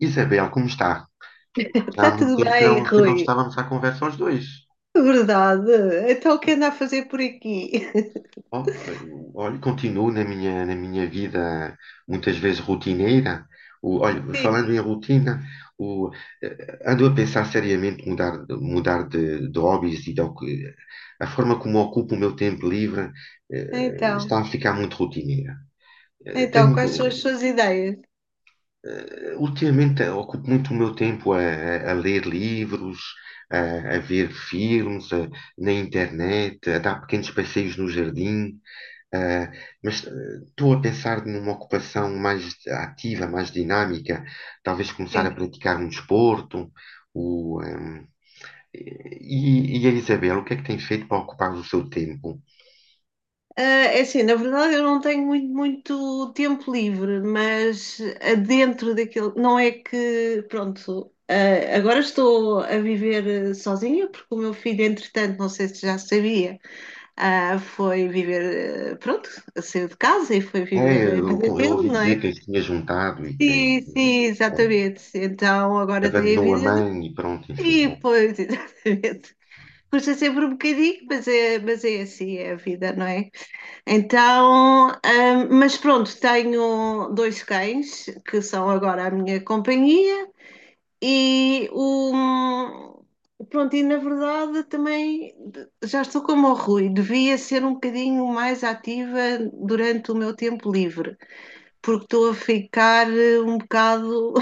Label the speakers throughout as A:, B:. A: Isabel, como está? Já há
B: Está
A: muito
B: tudo
A: tempo que
B: bem,
A: não
B: Rui?
A: estávamos à conversa os dois.
B: Verdade. Então, o que anda a fazer por aqui?
A: Olha, continuo na minha vida muitas vezes rotineira. Olha,
B: Sim,
A: falando em rotina, o, ando a pensar seriamente mudar de hobbies e de, a forma como ocupo o meu tempo livre,
B: então.
A: está a ficar muito rotineira. Eh,
B: Então,
A: tenho,
B: quais são as suas ideias?
A: Ultimamente ocupo muito o meu tempo a ler livros, a ver filmes, na internet, a dar pequenos passeios no jardim, eh, mas estou a pensar numa ocupação mais ativa, mais dinâmica, talvez começar a
B: Sim.
A: praticar um desporto. O, ehm, e, a Isabel, o que é que tem feito para ocupar o seu tempo?
B: Ah, é assim, na verdade eu não tenho muito, muito tempo livre, mas dentro daquilo, não é que, pronto, agora estou a viver sozinha, porque o meu filho, entretanto, não sei se já sabia, foi viver, pronto, saiu de casa e foi
A: É,
B: viver a vida
A: eu
B: dele,
A: ouvi
B: não
A: dizer
B: é?
A: que tinha juntado e que
B: Sim, sim,
A: eh,
B: exatamente. Então agora tem a
A: abandonou a
B: vida de
A: mãe e pronto, enfim,
B: ti, pois, exatamente. Custa sempre um bocadinho, mas é assim, é a vida, não é? Então, mas pronto, tenho dois cães que são agora a minha companhia e o. Pronto, e na verdade também já estou como o Rui, devia ser um bocadinho mais ativa durante o meu tempo livre, porque estou a ficar um bocado.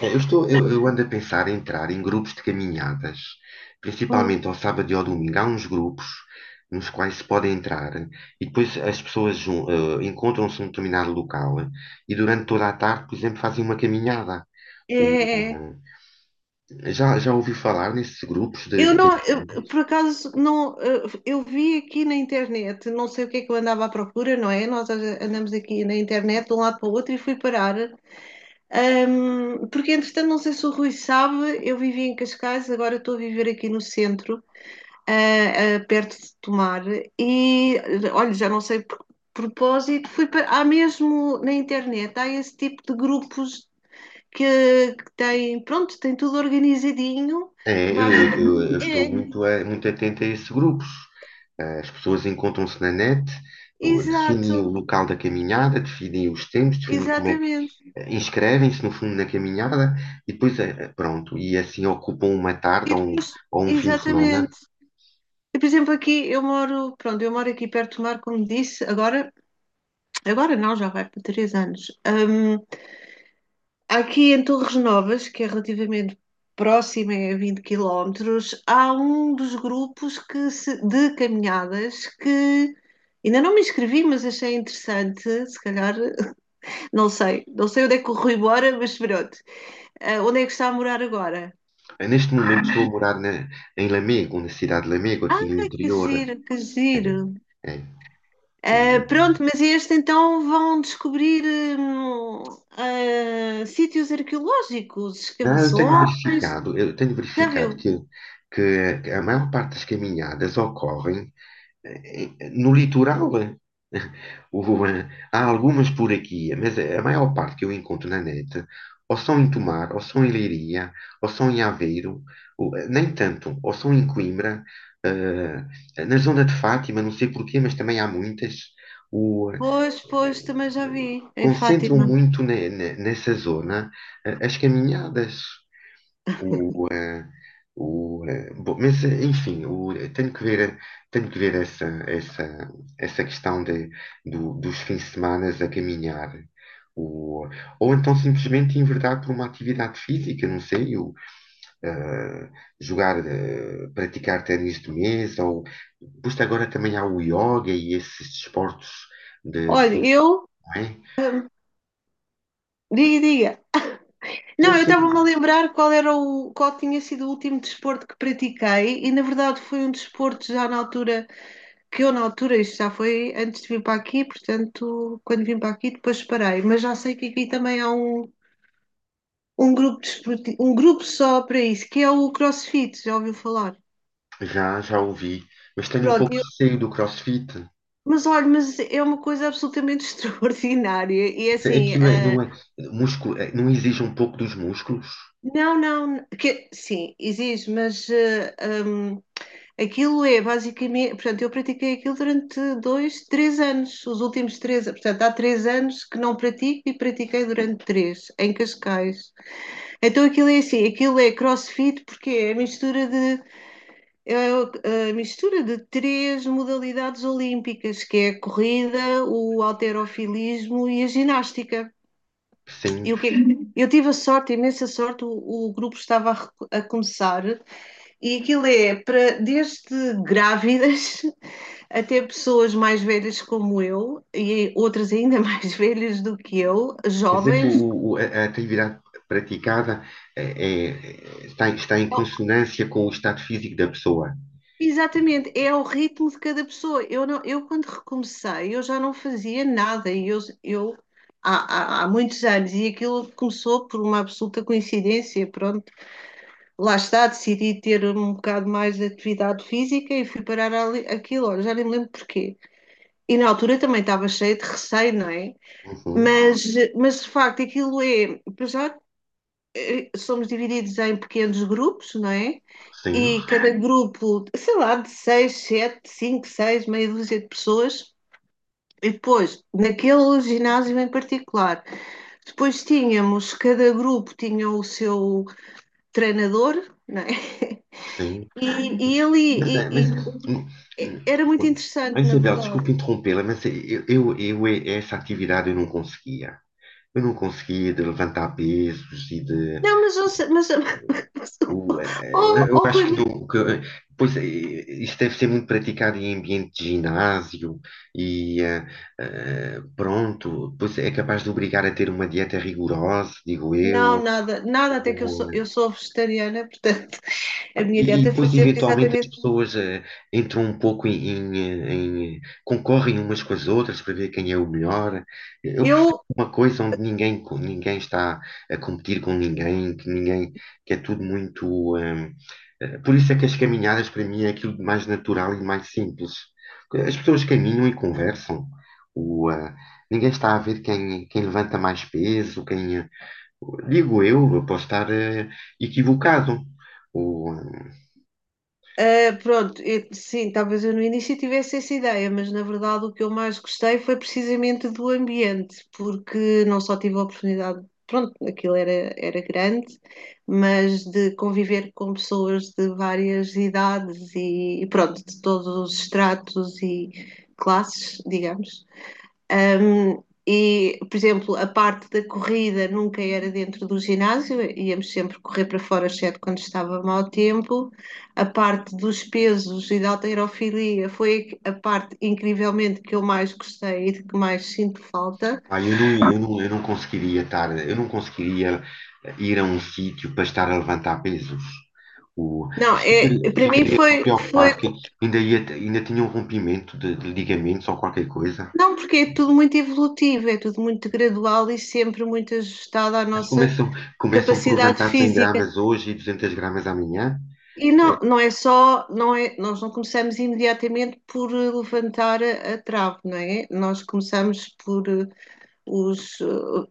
A: É, eu ando a pensar em entrar em grupos de caminhadas, principalmente ao sábado e ao domingo. Há uns grupos nos quais se pode entrar e depois as pessoas encontram-se num determinado local e durante toda a tarde, por exemplo, fazem uma caminhada. O,
B: É,
A: Já ouvi falar nesses grupos
B: eu
A: de
B: não, eu, por
A: caminhadas?
B: acaso, não, eu vi aqui na internet, não sei o que é que eu andava à procura, não é? Andamos aqui na internet de um lado para o outro e fui parar. Porque, entretanto, não sei se o Rui sabe, eu vivia em Cascais, agora estou a viver aqui no centro, perto de Tomar, e olha, já não sei por propósito, fui para, há mesmo na internet, há esse tipo de grupos que têm, pronto, tem tudo organizadinho.
A: É,
B: Basta.
A: eu estou muito, muito atento a esses grupos. As pessoas encontram-se na net,
B: Exato,
A: definem o local da caminhada, definem os tempos, definem como é que
B: exatamente.
A: inscrevem-se no fundo na caminhada e depois pronto, e assim ocupam uma
B: E
A: tarde
B: depois,
A: ou um fim de semana.
B: exatamente. E, por exemplo, aqui eu moro, pronto, eu moro aqui perto do mar, como disse, agora, agora não, já vai para três anos. Aqui em Torres Novas, que é relativamente próxima, é a 20 quilómetros, há um dos grupos que se- de caminhadas que ainda não me inscrevi, mas achei interessante, se calhar, não sei onde é que corro embora, mas pronto. Ah, onde é que está a morar agora?
A: Neste momento estou a em Lamego, na cidade de Lamego, aqui
B: Ah,
A: no
B: que
A: interior.
B: giro, que
A: É,
B: giro.
A: é.
B: Ah,
A: Hum.
B: pronto, mas este então vão descobrir hum, sítios arqueológicos,
A: Não,
B: escavações.
A: eu tenho
B: Já
A: verificado
B: viu?
A: que a maior parte das caminhadas ocorrem em- no litoral, eh, o- há algumas por aqui, mas é, a maior parte que eu encontro na net ou são em Tomar, ou são em Leiria, ou são em Aveiro, ou- nem tanto, ou são em Coimbra, na zona de Fátima, não sei porquê, mas também há muitas. O,
B: Pois, pois, também já vi em
A: Concentram
B: Fátima.
A: muito nessa zona, as caminhadas. Bom, mas, enfim, tenho que ver essa questão de, dos fins de semana a caminhar. O, ou então simplesmente enverdar por uma atividade física, não sei, eh, jogar, praticar ténis de mesa, ou pois agora também há o yoga e esses desportos de,
B: Olha,
A: não
B: eu.
A: é?
B: Diga, diga.
A: Sim,
B: Não, eu estava-me a
A: sim,
B: lembrar qual tinha sido o último desporto que pratiquei, e na verdade foi um desporto já na altura, que eu na altura, isto já foi antes de vir para aqui, portanto, quando vim para aqui depois parei, mas já sei que aqui também há um grupo desportivo, um grupo só para isso, que é o CrossFit, já ouviu falar?
A: já, já ouvi, mas tenho um
B: Pronto,
A: pouco de receio do CrossFit.
B: mas olha, mas é uma coisa absolutamente extraordinária. E é assim,
A: Aquilo é, não é, músculo, é, não exige um pouco dos músculos?
B: não, não, que, sim, exige, mas aquilo é basicamente, portanto, eu pratiquei aquilo durante dois, três anos, os últimos três, portanto, há três anos que não pratico e pratiquei durante três, em Cascais. Então aquilo é assim, aquilo é CrossFit porque é a mistura de. É o- a mistura de três modalidades olímpicas, que é a corrida, o halterofilismo e a ginástica. E o
A: Sim.
B: que eu tive a sorte, a imensa sorte, o, grupo estava a começar e aquilo é para desde grávidas até pessoas mais velhas como eu e outras ainda mais velhas do que eu,
A: Quer dizer que
B: jovens.
A: a atividade praticada é, está em consonância com o estado físico da pessoa.
B: Exatamente, é ao ritmo de cada pessoa. Eu, não, eu quando recomecei, eu já não fazia nada. E eu há muitos anos, e aquilo começou por uma absoluta coincidência. Pronto, lá está, decidi ter um bocado mais de atividade física e fui parar ali, aquilo, olha, já nem me lembro porquê. E na altura também estava cheia de receio, não é?
A: Uhum.
B: Mas, mas de facto, aquilo é, para já, somos divididos em pequenos grupos, não é?
A: Sim,
B: E cada grupo, sei lá, de seis, sete, cinco, seis, meia dúzia de pessoas. E depois, naquele ginásio em particular, depois tínhamos, cada grupo tinha o seu treinador, não é?
A: sim.
B: E ali,
A: Mas,
B: e-
A: hum, hum,
B: era muito interessante, na
A: Isabel,
B: verdade.
A: desculpe interrompê-la, mas eu essa atividade eu não conseguia. Eu não conseguia de levantar pesos e de.
B: Não, mas, mas, mas oh,
A: Eu
B: oh,
A: acho que,
B: Rui,
A: não, que pois, eh, isso deve ser muito praticado em ambiente de ginásio e pronto, pois é capaz de obrigar a ter uma dieta rigorosa, digo
B: não,
A: eu.
B: nada, nada, até que eu sou vegetariana, portanto, a minha
A: E
B: dieta
A: depois,
B: fazia
A: eventualmente, as
B: exatamente.
A: pessoas entram um pouco concorrem umas com as outras para ver quem é o melhor. Eu prefiro
B: Eu.
A: uma coisa onde ninguém, ninguém está a competir com ninguém, que é tudo muito. Por isso é que as caminhadas, para mim, é aquilo de mais natural e mais simples. As pessoas caminham e conversam. O, ah, Ninguém está a ver quem, quem levanta mais peso, quem. Digo eu posso estar equivocado. O, hum,
B: Ah, pronto, sim, talvez eu no início tivesse essa ideia, mas na verdade o que eu mais gostei foi precisamente do ambiente, porque não só tive a oportunidade, pronto, aquilo era grande, mas de conviver com pessoas de várias idades e pronto, de todos os estratos e classes, digamos. E, por exemplo, a parte da corrida nunca era dentro do ginásio, íamos sempre correr para fora, exceto quando estava mau tempo. A parte dos pesos e da halterofilia foi a parte, incrivelmente, que eu mais gostei e de que mais sinto falta.
A: Ah, eu não conseguiria estar, eu não conseguiria ir a um sítio para estar a levantar pesos.
B: Não,
A: Isso
B: é, para mim
A: ficaria
B: foi, foi.
A: preocupado que ainda tinha um rompimento de ligamentos ou qualquer coisa.
B: Não, porque é tudo muito evolutivo, é tudo muito gradual e sempre muito ajustado à
A: Mas
B: nossa
A: começam, começam por
B: capacidade
A: levantar 100
B: física.
A: gramas hoje e 200 gramas amanhã.
B: E não, não é só, não é, nós não começamos imediatamente por levantar a trave, não é? Nós começamos por os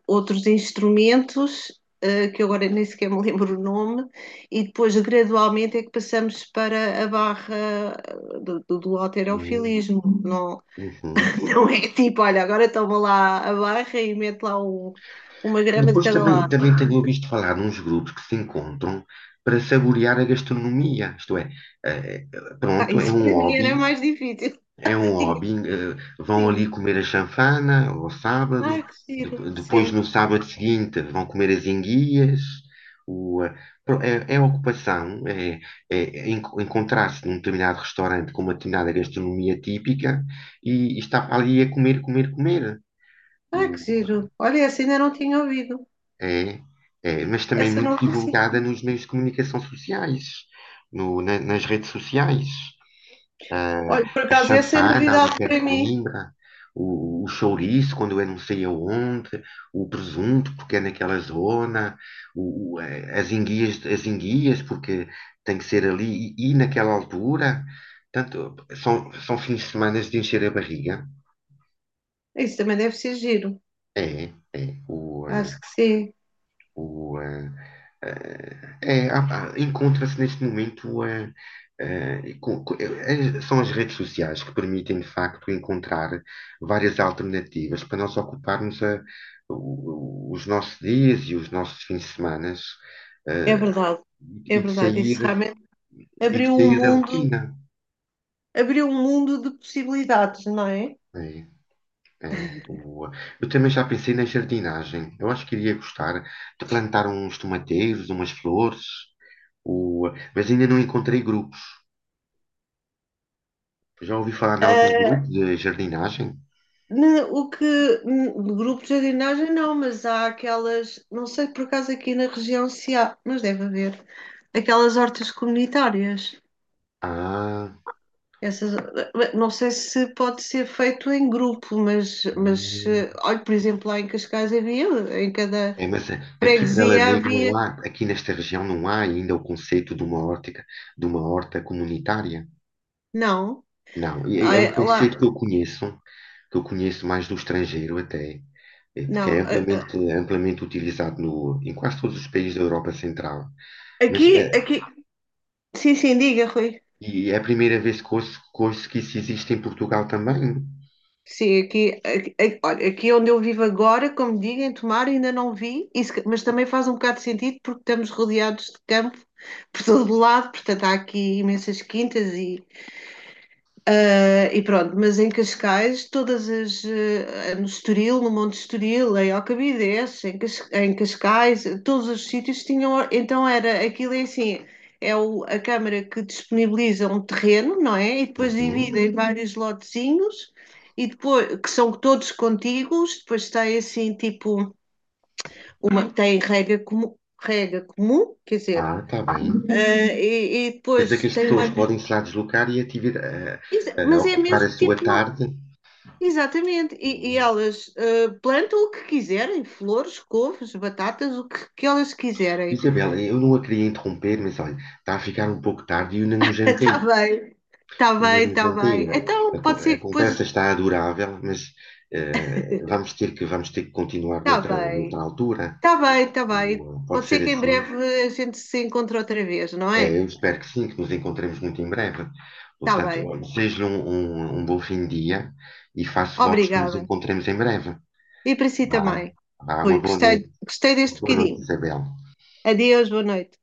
B: outros instrumentos, que agora nem sequer me lembro o nome, e depois gradualmente é que passamos para a barra do
A: Hum,
B: halterofilismo. Não,
A: uhum.
B: não é tipo, olha, agora toma lá a barra e mete lá uma grama de
A: Depois
B: cada
A: também,
B: lado.
A: também tenho ouvido falar nos grupos que se encontram para saborear a gastronomia. Isto é,
B: Ah,
A: pronto, é
B: isso
A: um
B: para mim era
A: hobby
B: mais difícil.
A: É um
B: Tinha que
A: hobby. Vão ali
B: ser.
A: comer a chanfana ao sábado,
B: Ai, que giro,
A: depois
B: sim.
A: no sábado seguinte vão comer as enguias. O, eh, pro- é, É ocupação, encontrar-se num determinado restaurante com uma determinada gastronomia típica e estar ali a comer, comer, comer.
B: Ah, que
A: O,
B: giro. Olha, essa ainda não tinha ouvido.
A: é, É, mas também
B: Essa
A: muito
B: não conheci.
A: divulgada nos meios de comunicação sociais, no, na- nas redes sociais. ah,
B: Olha, por
A: a
B: acaso, essa é
A: chanfana ali
B: novidade
A: perto
B: para
A: de
B: mim.
A: Coimbra, o chouriço quando é não sei aonde, o presunto porque é naquela zona, o, eh, as enguias porque tem que ser ali e naquela altura. Portanto, são, são fins de semana de encher a barriga.
B: Isso também deve ser giro.
A: É, é.
B: Acho que sim.
A: O, eh, É, encontra-se neste momento é, são as redes sociais que permitem de facto encontrar várias alternativas para nós ocuparmos a- o- os nossos dias e os nossos fins de semana
B: É
A: é,
B: verdade. É
A: e de
B: verdade.
A: sair
B: Isso realmente
A: e de
B: abriu um
A: sair da
B: mundo,
A: rotina.
B: abriu um mundo de possibilidades, não é?
A: É, é. Eu também já pensei na jardinagem. Eu acho que iria gostar de plantar uns tomateiros, umas flores, o- mas ainda não encontrei grupos. Já ouvi falar em algum grupo
B: Ah,
A: de jardinagem?
B: o que, de grupo de jardinagem não, mas há aquelas, não sei por acaso aqui na região se há, mas deve haver, aquelas hortas comunitárias.
A: Ah,
B: Essas, não sei se pode ser feito em grupo, mas,
A: hum.
B: olha, por exemplo, lá em Cascais havia, em cada
A: é, mas é, Aqui para
B: freguesia
A: Lamego não
B: havia.
A: há, aqui nesta região não há ainda o conceito de uma horta comunitária.
B: Não,
A: Não, é, é um
B: ai, lá,
A: conceito que eu conheço mais do estrangeiro até, é porque é
B: não.
A: amplamente, amplamente utilizado no, em quase todos os países da Europa Central. Mas é,
B: Aqui, aqui, sim, sim, diga, Rui.
A: e é a primeira vez que ouço, que ouço que isso existe em Portugal também.
B: Sim, aqui, olha, aqui onde eu vivo agora, como digo, em Tomar, ainda não vi, isso se mas também faz um bocado de sentido porque estamos rodeados de campo por todo lado, portanto há aqui imensas quintas e. Ah, e pronto, mas em Cascais, todas as. No Estoril, no Monte Estoril, em Alcabides, em Cascais, todos os sítios tinham. Então era aquilo é assim: a Câmara que disponibiliza um terreno, não é? E depois
A: Uhum.
B: divide em vários lotezinhos. E depois, que são todos contíguos, depois tem assim, tipo, tem rega comum, quer dizer,
A: Ah, está bem.
B: e
A: Quer dizer que
B: depois
A: as
B: tem uma,
A: pessoas podem se lá deslocar e a
B: mas é
A: ocupar a
B: mesmo
A: sua
B: tipo.
A: tarde.
B: Exatamente, e
A: Hum.
B: elas plantam o que quiserem, flores, couves, batatas, o que, que elas quiserem.
A: Isabela, eu não a queria interromper, mas olha, está a ficar um pouco tarde e eu ainda não
B: Está
A: jantei.
B: bem, está
A: Ainda
B: bem,
A: não
B: está
A: jantei.
B: bem. Então pode
A: A
B: ser que
A: conversa
B: depois.
A: está adorável, mas vamos ter que continuar
B: Está
A: noutra
B: bem,
A: altura.
B: está bem, está bem.
A: Pode
B: Pode ser
A: ser
B: que em
A: assim.
B: breve a gente se encontre outra vez, não
A: É,
B: é?
A: eu espero que sim, que nos encontremos muito em breve.
B: Está
A: Portanto,
B: bem,
A: olha, desejo-lhe um bom fim de dia e faço votos que nos
B: obrigada.
A: encontremos em breve.
B: E para si
A: Vá,
B: também,
A: vá,
B: Rui,
A: uma boa
B: gostei,
A: noite.
B: gostei deste
A: Boa noite,
B: bocadinho.
A: Isabel.
B: Adeus, boa noite.